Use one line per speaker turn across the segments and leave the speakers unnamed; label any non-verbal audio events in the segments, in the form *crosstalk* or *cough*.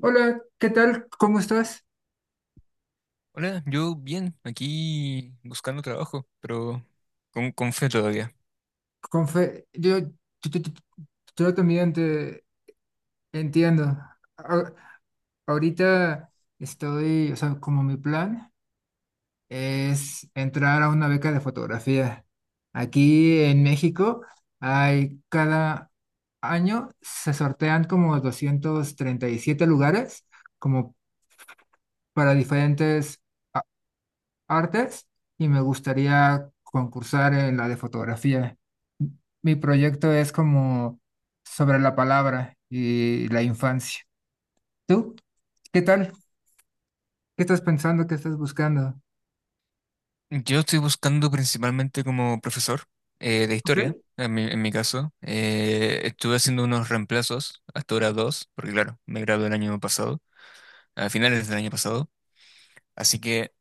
Hola, ¿qué tal? ¿Cómo estás?
Hola, yo bien, aquí buscando trabajo, pero con fe todavía.
Confe- yo, yo, yo- yo- yo también te entiendo. A- Ahorita estoy, o sea, como mi plan es entrar a una beca de fotografía. Aquí en México, hay cada año se sortean como 237 lugares como para diferentes artes, y me gustaría concursar en la de fotografía. Mi proyecto es como sobre la palabra y la infancia. ¿Tú? ¿Qué tal? ¿Qué estás pensando? ¿Qué estás buscando?
Yo estoy buscando principalmente como profesor de
Ok,
historia, en en mi caso. Estuve haciendo unos reemplazos, hasta ahora dos, porque claro, me gradué el año pasado, a finales del año pasado. Así que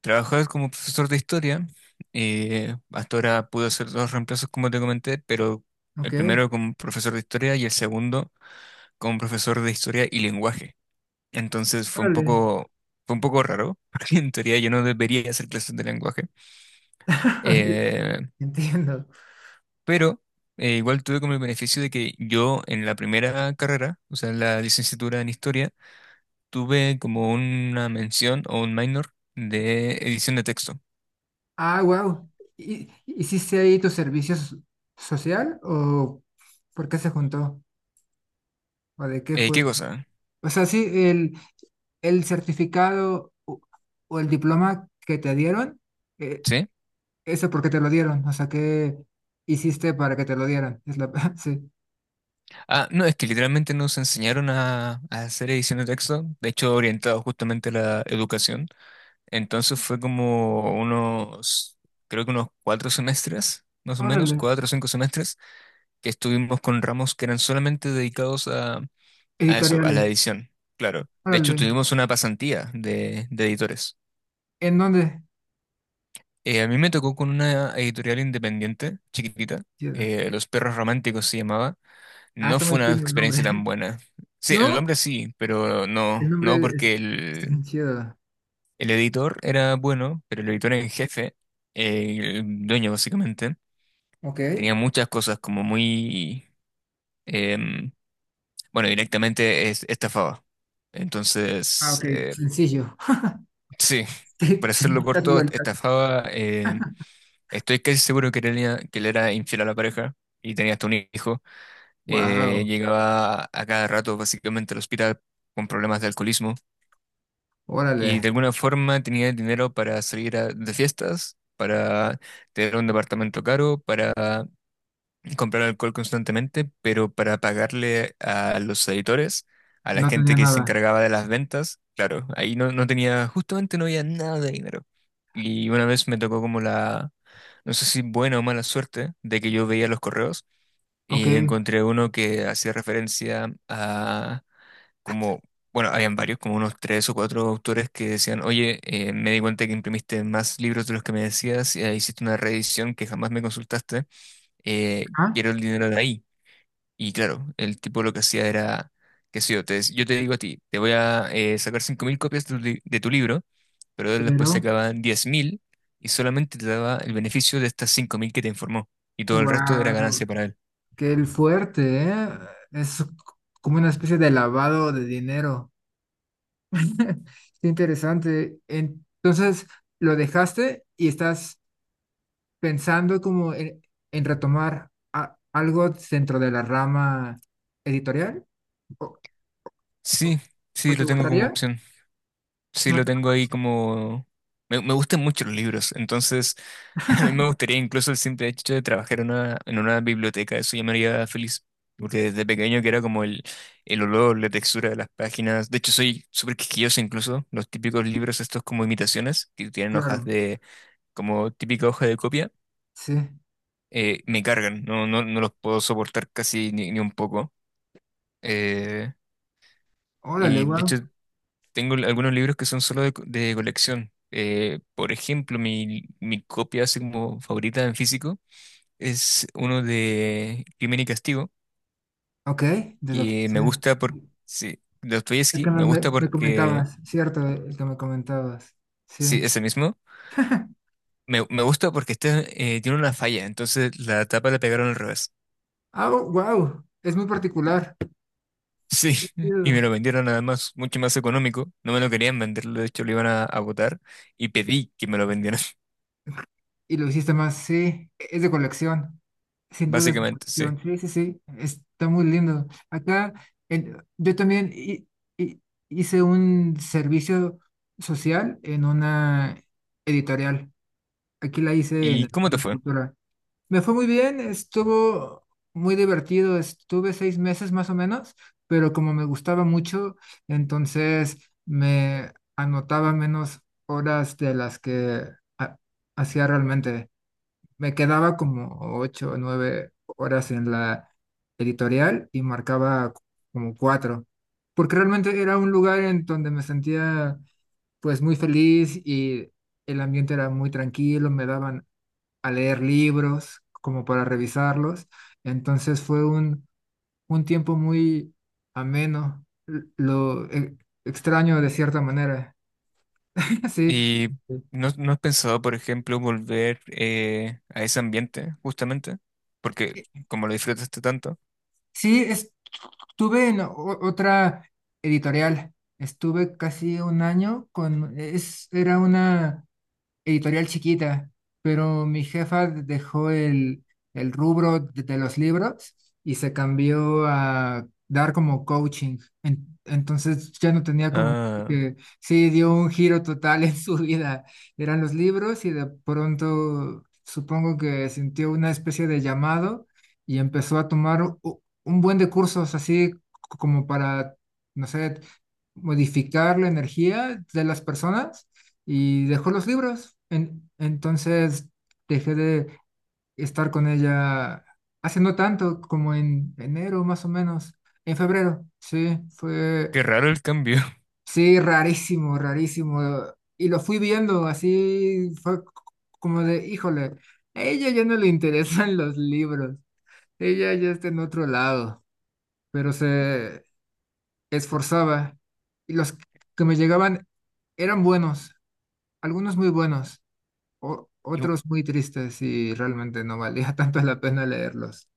trabajar como profesor de historia, hasta ahora pude hacer dos reemplazos como te comenté, pero
ok,
el primero como profesor de historia y el segundo como profesor de historia y lenguaje. Entonces fue un
órale.
fue un poco raro, *laughs* porque en teoría yo no debería hacer clases de lenguaje.
*laughs* Sí,
Eh,
entiendo.
pero igual tuve como el beneficio de que yo en la primera carrera, o sea, en la licenciatura en historia, tuve como una mención o un minor de edición de texto.
Ah, wow. ¿Y hiciste ahí tu servicio social, o por qué se juntó? ¿O de qué fue?
¿Qué cosa?
O sea, sí, el certificado, o el diploma que te dieron, eh,
¿Sí?
eso porque te lo dieron. O sea, ¿qué hiciste para que te lo dieran? *laughs* Sí.
Ah, no, es que literalmente nos enseñaron a hacer edición de texto, de hecho orientado justamente a la educación. Entonces fue como unos, creo que unos cuatro semestres, más o menos,
Órale,
cuatro o cinco semestres, que estuvimos con ramos que eran solamente dedicados a eso, a la
editoriales,
edición, claro. De hecho,
órale.
tuvimos una pasantía de editores.
¿En dónde?
A mí me tocó con una editorial independiente, chiquitita,
Chido.
Los Perros Románticos se llamaba.
Ah,
No
está muy
fue una
fino el nombre.
experiencia tan
*laughs*
buena. Sí, el
¿No?
nombre sí, pero
El
no, no
nombre, es,
porque
está
el,
bien chido.
El editor era bueno, pero el editor en jefe, el dueño básicamente,
Ok.
tenía muchas cosas como muy, em, bueno, directamente estafaba.
Ah,
Entonces,
ok, sencillo. *laughs*
sí,
Sí,
para
sin
hacerlo
muchas
corto,
vueltas.
estafaba, estoy casi seguro que, que él era infiel a la pareja y tenía hasta un hijo.
Wow,
Llegaba a cada rato básicamente al hospital con problemas de alcoholismo.
órale.
Y de alguna forma tenía el dinero para salir de fiestas, para tener un departamento caro, para comprar alcohol constantemente, pero para pagarle a los editores, a la
No
gente
tenía
que se
nada.
encargaba de las ventas, claro, ahí no, no tenía, justamente no había nada de dinero. Y una vez me tocó como la, no sé si buena o mala suerte, de que yo veía los correos
Ok.
y encontré uno que hacía referencia como, bueno, habían varios, como unos tres o cuatro autores que decían, oye, me di cuenta que imprimiste más libros de los que me decías, y hiciste una reedición que jamás me consultaste,
Ah,
quiero el dinero de ahí. Y claro, el tipo lo que hacía era, qué sé yo, yo te digo a ti, te voy a sacar 5.000 copias de de tu libro, pero él después
pero
sacaban 10.000 y solamente te daba el beneficio de estas 5.000 que te informó, y todo el resto era ganancia
wow,
para él.
qué el fuerte, ¿eh? Es como una especie de lavado de dinero. *laughs* Qué interesante. Entonces, lo dejaste y estás pensando como en, retomar algo dentro de la rama editorial. ¿O, o-
Sí,
o
sí,
te
lo tengo como
gustaría?
opción. Sí, lo
Más-
tengo ahí como... Me gustan mucho los libros, entonces *laughs* a mí me gustaría incluso el simple hecho de trabajar en una biblioteca, eso ya me haría feliz, porque desde pequeño que era como el olor, la textura de las páginas, de hecho soy súper quisquilloso incluso, los típicos libros estos como imitaciones, que tienen hojas
claro,
de como típica hoja de copia,
sí.
me cargan, no, no, no los puedo soportar casi ni un poco. eh,
Órale,
y de hecho
wow.
tengo algunos libros que son solo de colección. Por ejemplo, mi copia así como favorita en físico es uno de Crimen y Castigo,
Ok,
que
sí.
me gusta por, sí, de
El
Dostoyevsky,
que me,
me
me-
gusta
me
porque,
comentabas, cierto, el que me comentabas. Sí.
sí, ese mismo, me gusta porque este, tiene una falla, entonces la tapa la pegaron al revés.
Ah, wow, es muy particular.
Sí, *laughs* y me lo vendieron además mucho más económico, no me lo querían vender, de hecho lo iban a botar y pedí que me lo vendieran,
Y lo hiciste más, sí, es de colección,
*laughs*
sin duda es de
básicamente, sí.
colección, sí, sí, sí, está muy lindo. Acá, yo también hi- hice un servicio social en una editorial, aquí la hice en
¿Y
el
cómo te
Centro de
fue?
Cultura. Me fue muy bien, estuvo muy divertido, estuve 6 meses más o menos, pero como me gustaba mucho, entonces me anotaba menos horas de las que ha- hacía realmente. Me quedaba como 8 o 9 horas en la editorial y marcaba como cuatro, porque realmente era un lugar en donde me sentía, pues, muy feliz, y el ambiente era muy tranquilo. Me daban a leer libros como para revisarlos. Entonces fue un tiempo muy ameno, lo extraño de cierta manera, *laughs* sí.
¿Y no has pensado, por ejemplo, volver a ese ambiente, justamente? Porque como lo disfrutaste tanto.
Sí, estuve en otra editorial. Estuve casi un año con, era una editorial chiquita, pero mi jefa dejó el rubro de los libros y se cambió a dar como coaching. Entonces ya no tenía como
Ah,
que, sí, dio un giro total en su vida. Eran los libros y de pronto supongo que sintió una especie de llamado y empezó a tomar un buen de cursos, así como para, no sé, modificar la energía de las personas, y dejó los libros. Entonces dejé de estar con ella hace no tanto, como en enero más o menos, en febrero. Sí,
qué raro el cambio.
sí, rarísimo, rarísimo. Y lo fui viendo así, fue como de, híjole, a ella ya no le interesan *laughs* los libros, ella ya está en otro lado, pero se esforzaba, y los que me llegaban eran buenos, algunos muy buenos,
*laughs* Igu-
otros muy tristes, y realmente no valía *laughs* tanto la pena leerlos.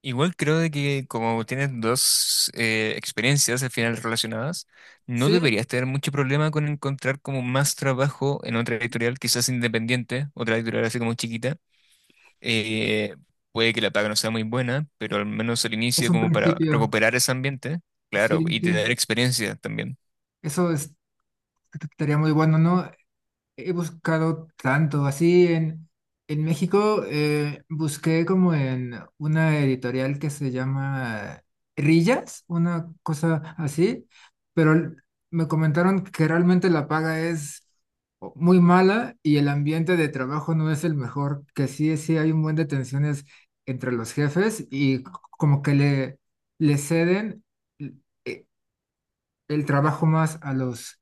Igual creo de que como tienes dos experiencias al final relacionadas, no
Sí,
deberías tener mucho problema con encontrar como más trabajo en otra editorial, quizás independiente, otra editorial así como chiquita. Eh, Puede que la paga no sea muy buena, pero al menos al
es
inicio
un
como para
principio,
recuperar ese ambiente,
sí,
claro, y tener
sí,
experiencia también.
eso estaría muy bueno, ¿no? He buscado tanto, así en México, busqué como en una editorial que se llama Rillas, una cosa así, pero me comentaron que realmente la paga es muy mala y el ambiente de trabajo no es el mejor, que sí, sí hay un buen de tensiones entre los jefes, y como que le ceden el trabajo más a los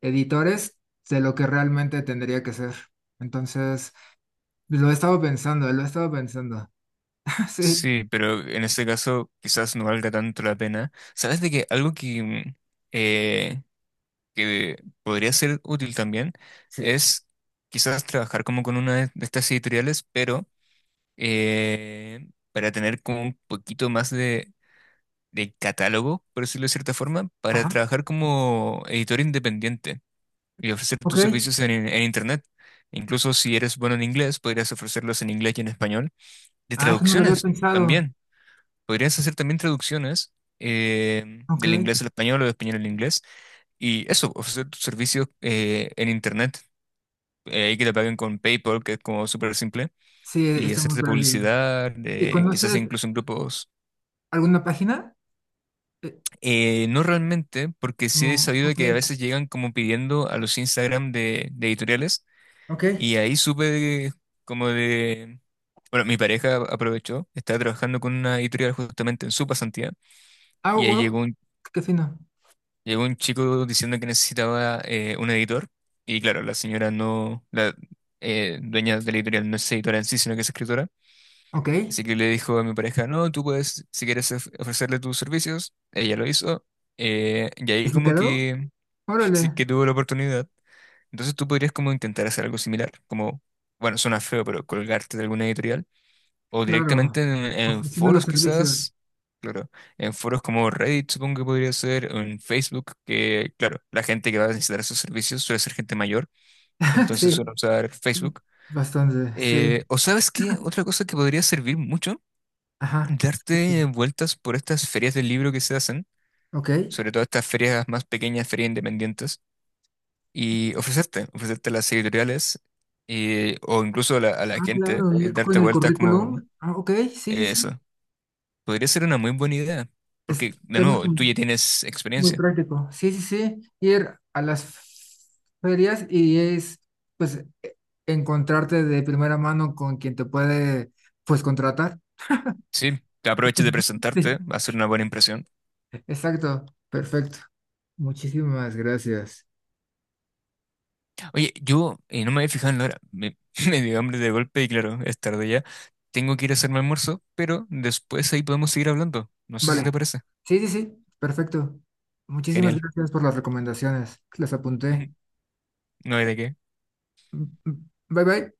editores de lo que realmente tendría que ser. Entonces, lo he estado pensando, lo he estado pensando. *laughs*
Sí, pero en este caso quizás no valga tanto la pena. ¿Sabes de que algo que, eh, que podría ser útil también
Sí, sí.
es quizás trabajar como con una de estas editoriales, pero para tener como un poquito más de catálogo, por decirlo de cierta forma, para
Ajá.
trabajar como editor independiente y ofrecer tus
Ok.
servicios en Internet. Incluso si eres bueno en inglés, podrías ofrecerlos en inglés y en español. De
Ah, eso no lo había
traducciones
pensado.
también podrías hacer también traducciones
Ok.
del inglés al español o del español al inglés y eso, ofrecer tus servicios en internet, ahí que te paguen con PayPal, que es como súper simple,
Sí,
y
está muy
hacerte
práctico.
publicidad,
¿Y
quizás
conoces
incluso en grupos.
alguna página? Eh,
No realmente, porque sí he
Como,
sabido
ok,
que a veces llegan como pidiendo a los Instagram de editoriales
ok.
y ahí como de... Bueno, mi pareja aprovechó, estaba trabajando con una editorial justamente en su pasantía
Ah,
y ahí
wow,
llegó un
qué fino.
Llegó un chico diciendo que necesitaba un editor y claro, la señora no, la dueña de la editorial no es editora en sí, sino que es escritora.
Ok. ¿Y
Así que le dijo a mi pareja, no, tú puedes, si quieres ofrecerle tus servicios, ella lo hizo y ahí
se
como
quedó?
que, sí
Órale,
que tuvo la oportunidad. Entonces tú podrías como intentar hacer algo similar, como, bueno, suena feo, pero colgarte de alguna editorial o directamente
claro.
en
Ofreciendo los
foros
servicios.
quizás, claro, en foros como Reddit supongo que podría ser, o en Facebook, que claro, la gente que va a necesitar esos servicios suele ser gente mayor,
*laughs*
entonces suele
Sí,
usar Facebook.
bastante, sí.
O sabes qué, otra cosa que podría servir mucho,
Ajá.
darte vueltas por estas ferias del libro que se hacen,
Ok.
sobre todo estas ferias más pequeñas, ferias independientes, y ofrecerte, ofrecerte a las editoriales, o incluso a la
Ah,
gente,
claro, ir con
darte
el
vueltas como...
currículum. Ah, ok, sí, sí, sí.
Eso. Podría ser una muy buena idea, porque de
Está
nuevo, tú ya tienes
muy
experiencia.
práctico. Sí, sí, sí. Ir a las ferias y, pues, encontrarte de primera mano con quien te puede, pues, contratar.
Sí, te aprovechas de presentarte,
*laughs*
va a ser una buena impresión.
Sí, exacto. Perfecto. Muchísimas gracias.
Oye, yo no me había fijado en la hora, *laughs* me dio hambre de golpe y claro, es tarde ya. Tengo que ir a hacerme almuerzo, pero después ahí podemos seguir hablando. No sé si te
Vale.
parece.
Sí, sí, sí. Perfecto. Muchísimas
Genial.
gracias por las recomendaciones. Las apunté.
*laughs* No hay de qué.
Mm, mm. Bye, bye.